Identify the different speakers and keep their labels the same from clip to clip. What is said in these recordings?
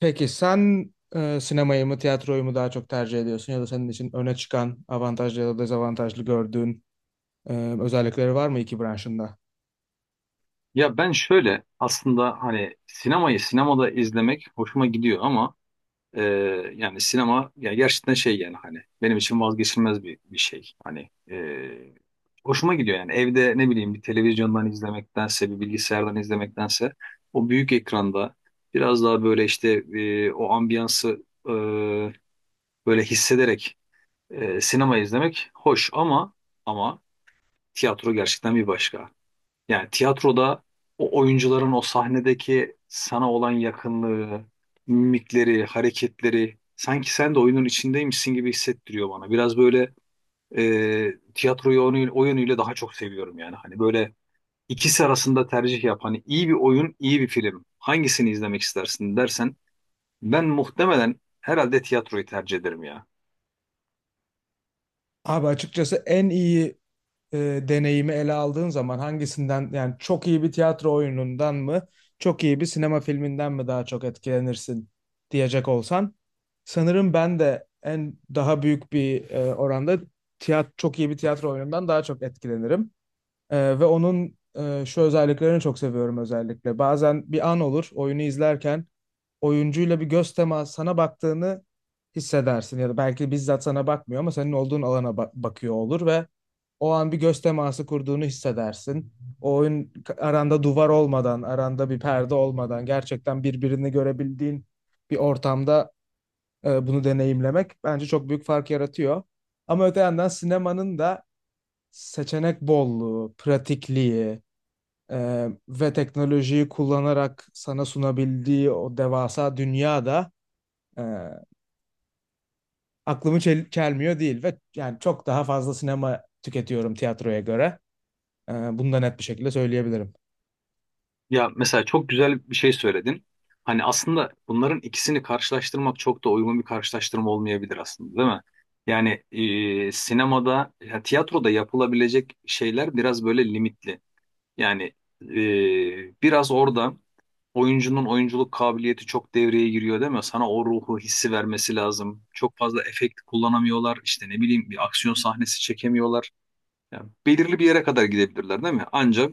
Speaker 1: Peki sen sinemayı mı tiyatroyu mu daha çok tercih ediyorsun ya da senin için öne çıkan avantajlı ya da dezavantajlı gördüğün e, özellikleri var mı iki branşında?
Speaker 2: Ya ben şöyle aslında hani sinemayı sinemada izlemek hoşuma gidiyor ama e, yani sinema ya gerçekten şey yani hani benim için vazgeçilmez bir şey. Hani hoşuma gidiyor yani evde ne bileyim bir televizyondan izlemektense bir bilgisayardan izlemektense o büyük ekranda biraz daha böyle işte o ambiyansı böyle hissederek sinema izlemek hoş ama ama tiyatro gerçekten bir başka. Yani tiyatroda o oyuncuların o sahnedeki sana olan yakınlığı, mimikleri, hareketleri sanki sen de oyunun içindeymişsin gibi hissettiriyor bana. Biraz böyle tiyatroyu o yönüyle daha çok seviyorum yani. Hani böyle ikisi arasında tercih yap. Hani iyi bir oyun, iyi bir film. Hangisini izlemek istersin dersen ben muhtemelen herhalde tiyatroyu tercih ederim ya.
Speaker 1: Abi açıkçası en iyi e, deneyimi ele aldığın zaman hangisinden yani çok iyi bir tiyatro oyunundan mı çok iyi bir sinema filminden mi daha çok etkilenirsin diyecek olsan sanırım ben de en daha büyük bir oranda çok iyi bir tiyatro oyunundan daha çok etkilenirim. Ve onun şu özelliklerini çok seviyorum özellikle. Bazen bir an olur oyunu izlerken oyuncuyla bir göz teması sana baktığını hissedersin ya da belki bizzat sana bakmıyor ama senin olduğun alana bakıyor olur ve o an bir göz teması kurduğunu hissedersin. O oyun aranda duvar olmadan, aranda bir perde olmadan gerçekten birbirini görebildiğin bir ortamda bunu deneyimlemek bence çok büyük fark yaratıyor. Ama öte yandan sinemanın da seçenek bolluğu, pratikliği, ve teknolojiyi kullanarak sana sunabildiği o devasa dünyada e, aklımı çelmiyor değil ve yani çok daha fazla sinema tüketiyorum tiyatroya göre. Ee, Bunu da net bir şekilde söyleyebilirim.
Speaker 2: Ya mesela çok güzel bir şey söyledin. Hani aslında bunların ikisini karşılaştırmak çok da uygun bir karşılaştırma olmayabilir aslında, değil mi? Yani sinemada, ya, tiyatroda yapılabilecek şeyler biraz böyle limitli. Yani biraz orada oyuncunun oyunculuk kabiliyeti çok devreye giriyor, değil mi? Sana o ruhu hissi vermesi lazım. Çok fazla efekt kullanamıyorlar. İşte ne bileyim bir aksiyon sahnesi çekemiyorlar. Yani belirli bir yere kadar gidebilirler, değil mi? Ancak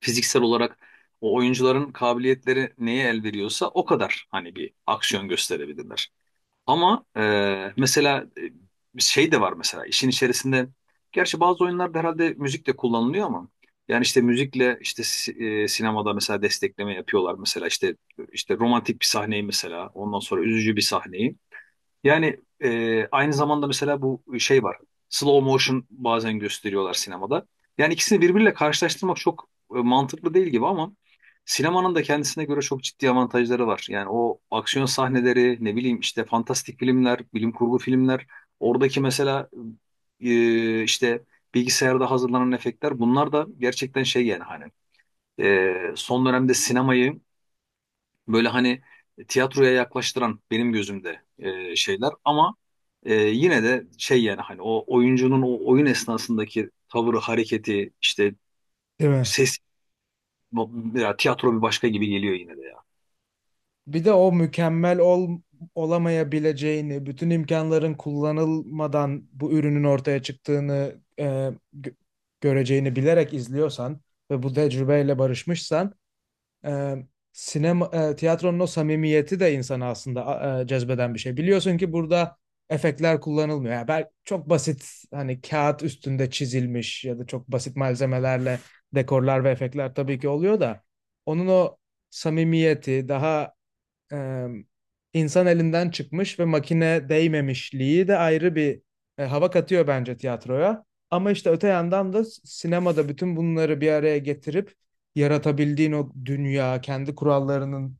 Speaker 2: fiziksel olarak o oyuncuların kabiliyetleri neye el veriyorsa o kadar hani bir aksiyon gösterebilirler. Ama mesela şey de var mesela işin içerisinde gerçi bazı oyunlarda herhalde müzik de kullanılıyor ama yani işte müzikle işte sinemada mesela destekleme yapıyorlar mesela işte romantik bir sahneyi mesela ondan sonra üzücü bir sahneyi yani aynı zamanda mesela bu şey var. Slow motion bazen gösteriyorlar sinemada. Yani ikisini birbiriyle karşılaştırmak çok mantıklı değil gibi ama sinemanın da kendisine göre çok ciddi avantajları var. Yani o aksiyon sahneleri, ne bileyim işte fantastik filmler, bilim kurgu filmler, oradaki mesela işte bilgisayarda hazırlanan efektler bunlar da gerçekten şey yani hani son dönemde sinemayı böyle hani tiyatroya yaklaştıran benim gözümde şeyler ama yine de şey yani hani o oyuncunun o oyun esnasındaki tavırı, hareketi, işte
Speaker 1: Değil mi?
Speaker 2: ses, ya tiyatro bir başka gibi geliyor yine de ya.
Speaker 1: Bir de o mükemmel olamayabileceğini, bütün imkanların kullanılmadan bu ürünün ortaya çıktığını gö- göreceğini bilerek izliyorsan ve bu tecrübeyle barışmışsan e, tiyatronun o samimiyeti de insanı aslında cezbeden bir şey. Biliyorsun ki burada efektler kullanılmıyor. Yani çok basit hani kağıt üstünde çizilmiş ya da çok basit malzemelerle dekorlar ve efektler tabii ki oluyor da onun o samimiyeti daha e, insan elinden çıkmış ve makine değmemişliği de ayrı bir hava katıyor bence tiyatroya. Ama işte öte yandan da sinemada bütün bunları bir araya getirip yaratabildiğin o dünya, kendi kurallarının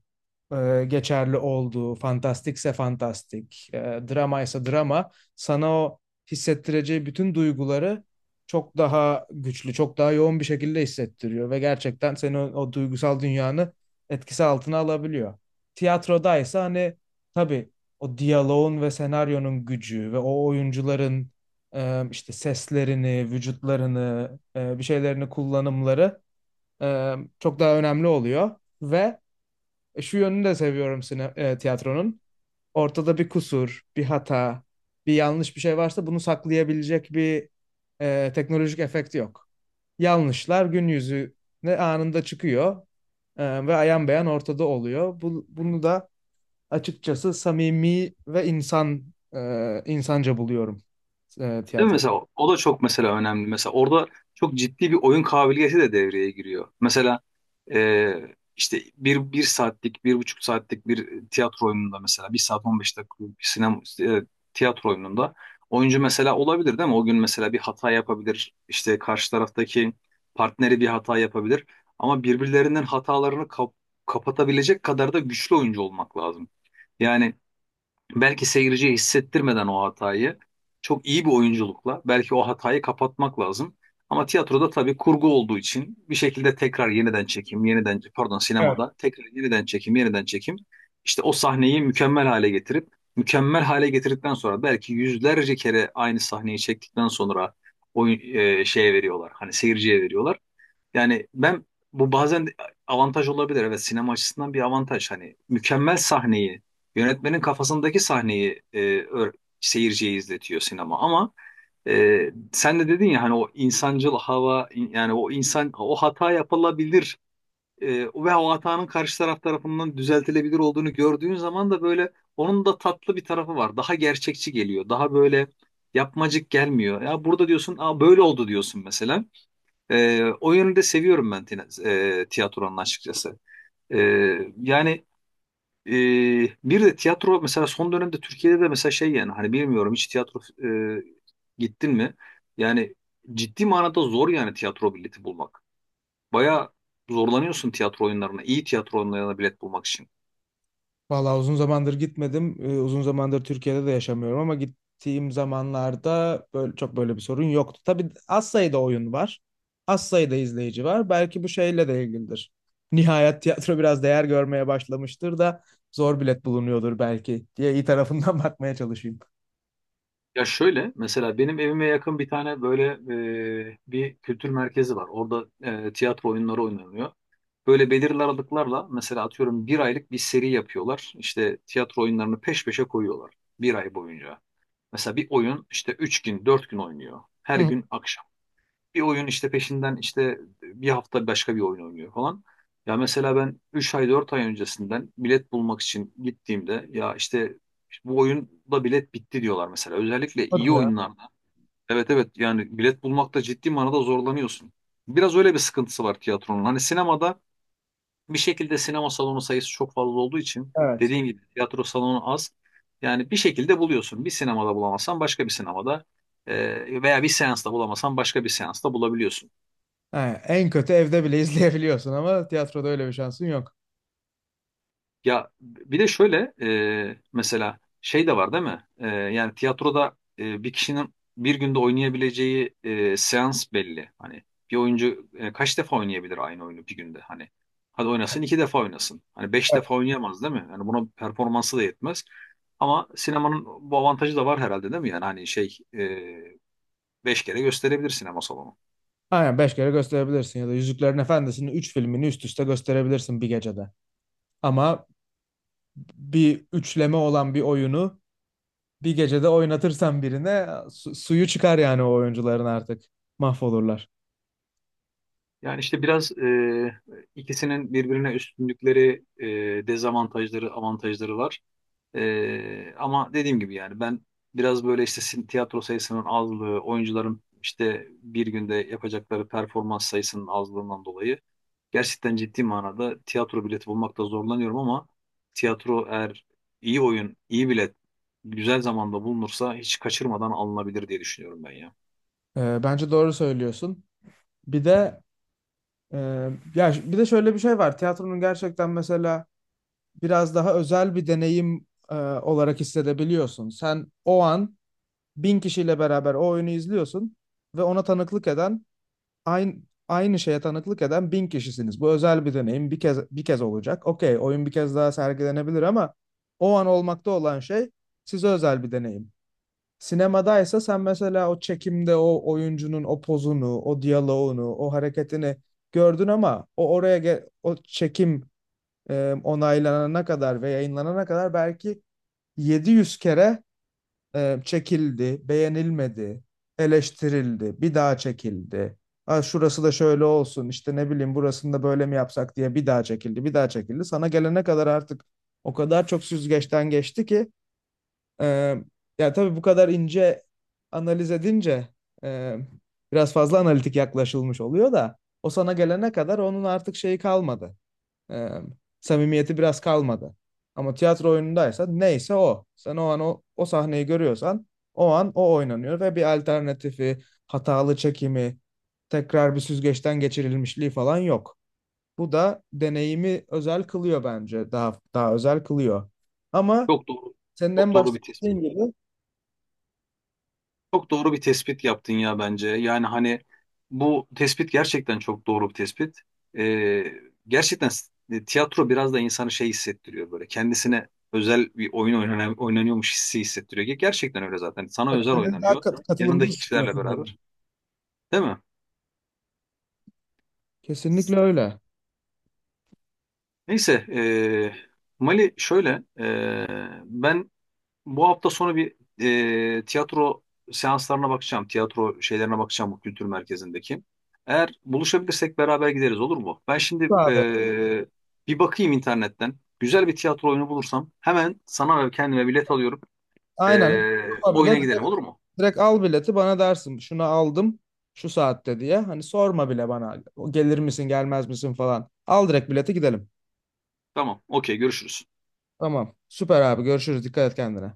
Speaker 1: geçerli olduğu, fantastikse fantastik, dramaysa drama, sana o hissettireceği bütün duyguları çok daha güçlü, çok daha yoğun bir şekilde hissettiriyor ve gerçekten seni o duygusal dünyanı etkisi altına alabiliyor. Tiyatrodaysa hani tabii o diyaloğun ve senaryonun gücü ve o oyuncuların işte seslerini, vücutlarını, bir şeylerini kullanımları e, çok daha önemli oluyor ve şu yönünü de seviyorum tiyatronun. Ortada bir kusur, bir hata, bir yanlış bir şey varsa bunu saklayabilecek bir teknolojik efekt yok. Yanlışlar gün yüzüne anında çıkıyor ve ayan beyan ortada oluyor. Bunu da açıkçası samimi ve insanca buluyorum
Speaker 2: Değil mi?
Speaker 1: tiyatro.
Speaker 2: Mesela o da çok mesela önemli. Mesela orada çok ciddi bir oyun kabiliyeti de devreye giriyor. Mesela e, işte bir saatlik, bir buçuk saatlik bir tiyatro oyununda mesela bir saat 15 dakikalık bir sinema tiyatro oyununda oyuncu mesela olabilir değil mi? O gün mesela bir hata yapabilir. İşte karşı taraftaki partneri bir hata yapabilir. Ama birbirlerinin hatalarını kapatabilecek kadar da güçlü oyuncu olmak lazım. Yani belki seyirciye hissettirmeden o hatayı çok iyi bir oyunculukla belki o hatayı kapatmak lazım. Ama tiyatroda tabii kurgu olduğu için bir şekilde tekrar yeniden çekim, yeniden pardon sinemada tekrar yeniden çekim, yeniden çekim. İşte o sahneyi mükemmel hale getirip mükemmel hale getirdikten sonra belki yüzlerce kere aynı sahneyi çektikten sonra oyun şeye veriyorlar. Hani seyirciye veriyorlar. Yani ben bu bazen de avantaj olabilir. Evet sinema açısından bir avantaj. Hani mükemmel sahneyi, yönetmenin kafasındaki sahneyi seyirciye izletiyor sinema. Ama sen de dedin ya hani o insancıl hava yani o insan o hata yapılabilir ve o hatanın karşı taraf tarafından düzeltilebilir olduğunu gördüğün zaman da böyle onun da tatlı bir tarafı var. Daha gerçekçi geliyor. Daha böyle yapmacık gelmiyor. Ya burada diyorsun, aa, böyle oldu diyorsun mesela. O yönü de seviyorum ben tiyatronun açıkçası. Ee, Yani e, bir de tiyatro mesela son dönemde Türkiye'de de mesela şey yani hani bilmiyorum hiç tiyatro e, gittin mi? Yani ciddi manada zor yani tiyatro bileti bulmak. Baya zorlanıyorsun tiyatro oyunlarına, iyi tiyatro oyunlarına bilet bulmak için.
Speaker 1: Vallahi uzun zamandır gitmedim. Uzun zamandır Türkiye'de de yaşamıyorum ama gittiğim zamanlarda böyle, çok böyle bir sorun yoktu. Tabii az sayıda oyun var. Az sayıda izleyici var. Belki bu şeyle de ilgilidir. Nihayet tiyatro biraz değer görmeye başlamıştır da zor bilet bulunuyordur belki diye iyi tarafından bakmaya çalışayım.
Speaker 2: Ya şöyle mesela benim evime yakın bir tane böyle bir kültür merkezi var. Orada tiyatro oyunları oynanıyor. Böyle belirli aralıklarla mesela atıyorum bir aylık bir seri yapıyorlar. İşte tiyatro oyunlarını peş peşe koyuyorlar bir ay boyunca. Mesela bir oyun işte üç gün, dört gün oynuyor. Her
Speaker 1: Hı,
Speaker 2: gün akşam. Bir oyun işte peşinden işte bir hafta başka bir oyun oynuyor falan. Ya mesela ben 3 ay 4 ay öncesinden bilet bulmak için gittiğimde ya işte bu oyunda bilet bitti diyorlar mesela. Özellikle iyi
Speaker 1: hadi ya.
Speaker 2: oyunlarda. Evet evet yani bilet bulmakta ciddi manada zorlanıyorsun. Biraz öyle bir sıkıntısı var tiyatronun. Hani sinemada bir şekilde sinema salonu sayısı çok fazla olduğu için
Speaker 1: Evet.
Speaker 2: dediğim gibi tiyatro salonu az. Yani bir şekilde buluyorsun. Bir sinemada bulamazsan başka bir sinemada veya bir seansta bulamazsan başka bir seansta bulabiliyorsun.
Speaker 1: Ha, en kötü evde bile izleyebiliyorsun ama tiyatroda öyle bir şansın yok.
Speaker 2: Ya bir de şöyle mesela şey de var değil mi? Yani tiyatroda bir kişinin bir günde oynayabileceği seans belli. Hani bir oyuncu kaç defa oynayabilir aynı oyunu bir günde? Hani hadi oynasın iki defa oynasın. Hani beş
Speaker 1: Evet.
Speaker 2: defa oynayamaz değil mi? Yani buna performansı da yetmez. Ama sinemanın bu avantajı da var herhalde değil mi? Yani hani şey beş kere gösterebilir sinema salonu.
Speaker 1: Aynen beş kere gösterebilirsin ya da Yüzüklerin Efendisi'nin üç filmini üst üste gösterebilirsin bir gecede. Ama bir üçleme olan bir oyunu bir gecede oynatırsan birine suyu çıkar yani o oyuncuların artık. Mahvolurlar.
Speaker 2: Yani işte biraz ikisinin birbirine üstünlükleri, dezavantajları, avantajları var. Ama dediğim gibi yani ben biraz böyle işte tiyatro sayısının azlığı, oyuncuların işte bir günde yapacakları performans sayısının azlığından dolayı gerçekten ciddi manada tiyatro bileti bulmakta zorlanıyorum ama tiyatro eğer iyi oyun, iyi bilet güzel zamanda bulunursa hiç kaçırmadan alınabilir diye düşünüyorum ben ya.
Speaker 1: Bence doğru söylüyorsun. Bir de e, ya ş- Bir de şöyle bir şey var. Tiyatronun gerçekten mesela biraz daha özel bir deneyim olarak hissedebiliyorsun. Sen o an 1.000 kişiyle beraber o oyunu izliyorsun ve ona tanıklık eden aynı aynı şeye tanıklık eden 1.000 kişisiniz. Bu özel bir deneyim. Bir kez olacak. Okey, oyun bir kez daha sergilenebilir ama o an olmakta olan şey size özel bir deneyim. Sinemadaysa sen mesela o çekimde o oyuncunun o pozunu, o diyaloğunu, o hareketini gördün ama o çekim onaylanana kadar ve yayınlanana kadar belki 700 kere çekildi, beğenilmedi, eleştirildi, bir daha çekildi. Ha, şurası da şöyle olsun, işte ne bileyim burasını da böyle mi yapsak diye bir daha çekildi, bir daha çekildi. Sana gelene kadar artık o kadar çok süzgeçten geçti ki e, ya tabii bu kadar ince analiz edince e, biraz fazla analitik yaklaşılmış oluyor da o sana gelene kadar onun artık şeyi kalmadı. Ee, Samimiyeti biraz kalmadı. Ama tiyatro oyunundaysa neyse o. Sen o an o sahneyi görüyorsan o an o oynanıyor ve bir alternatifi, hatalı çekimi, tekrar bir süzgeçten geçirilmişliği falan yok. Bu da deneyimi özel kılıyor bence. Daha özel kılıyor. Ama
Speaker 2: Çok doğru,
Speaker 1: senin
Speaker 2: çok
Speaker 1: en
Speaker 2: doğru
Speaker 1: başta
Speaker 2: bir tespit.
Speaker 1: dediğin gibi
Speaker 2: Çok doğru bir tespit yaptın ya bence. Yani hani bu tespit gerçekten çok doğru bir tespit. Ee, Gerçekten tiyatro biraz da insanı şey hissettiriyor böyle. Kendisine özel bir oyun oynanıyormuş hissi hissettiriyor. Gerçekten öyle zaten. Sana
Speaker 1: bak,
Speaker 2: özel
Speaker 1: kendini daha
Speaker 2: oynanıyor.
Speaker 1: katılımda
Speaker 2: Yanındaki kişilerle
Speaker 1: hissediyorsun.
Speaker 2: beraber. Değil mi?
Speaker 1: Kesinlikle öyle.
Speaker 2: Neyse. Mali şöyle. Ben bu hafta sonu bir tiyatro seanslarına bakacağım. Tiyatro şeylerine bakacağım bu kültür merkezindeki. Eğer buluşabilirsek beraber gideriz olur mu? Ben şimdi
Speaker 1: Abi,
Speaker 2: bir bakayım internetten. Güzel bir tiyatro oyunu bulursam hemen sana ve kendime bilet alıyorum.
Speaker 1: aynen.
Speaker 2: E,
Speaker 1: Ama bile
Speaker 2: oyuna gidelim olur mu?
Speaker 1: Direkt al bileti bana dersin şunu aldım şu saatte diye. Hani sorma bile bana "O gelir misin gelmez misin falan. Al direkt bileti gidelim.
Speaker 2: Tamam, okey görüşürüz.
Speaker 1: Tamam süper abi görüşürüz dikkat et kendine.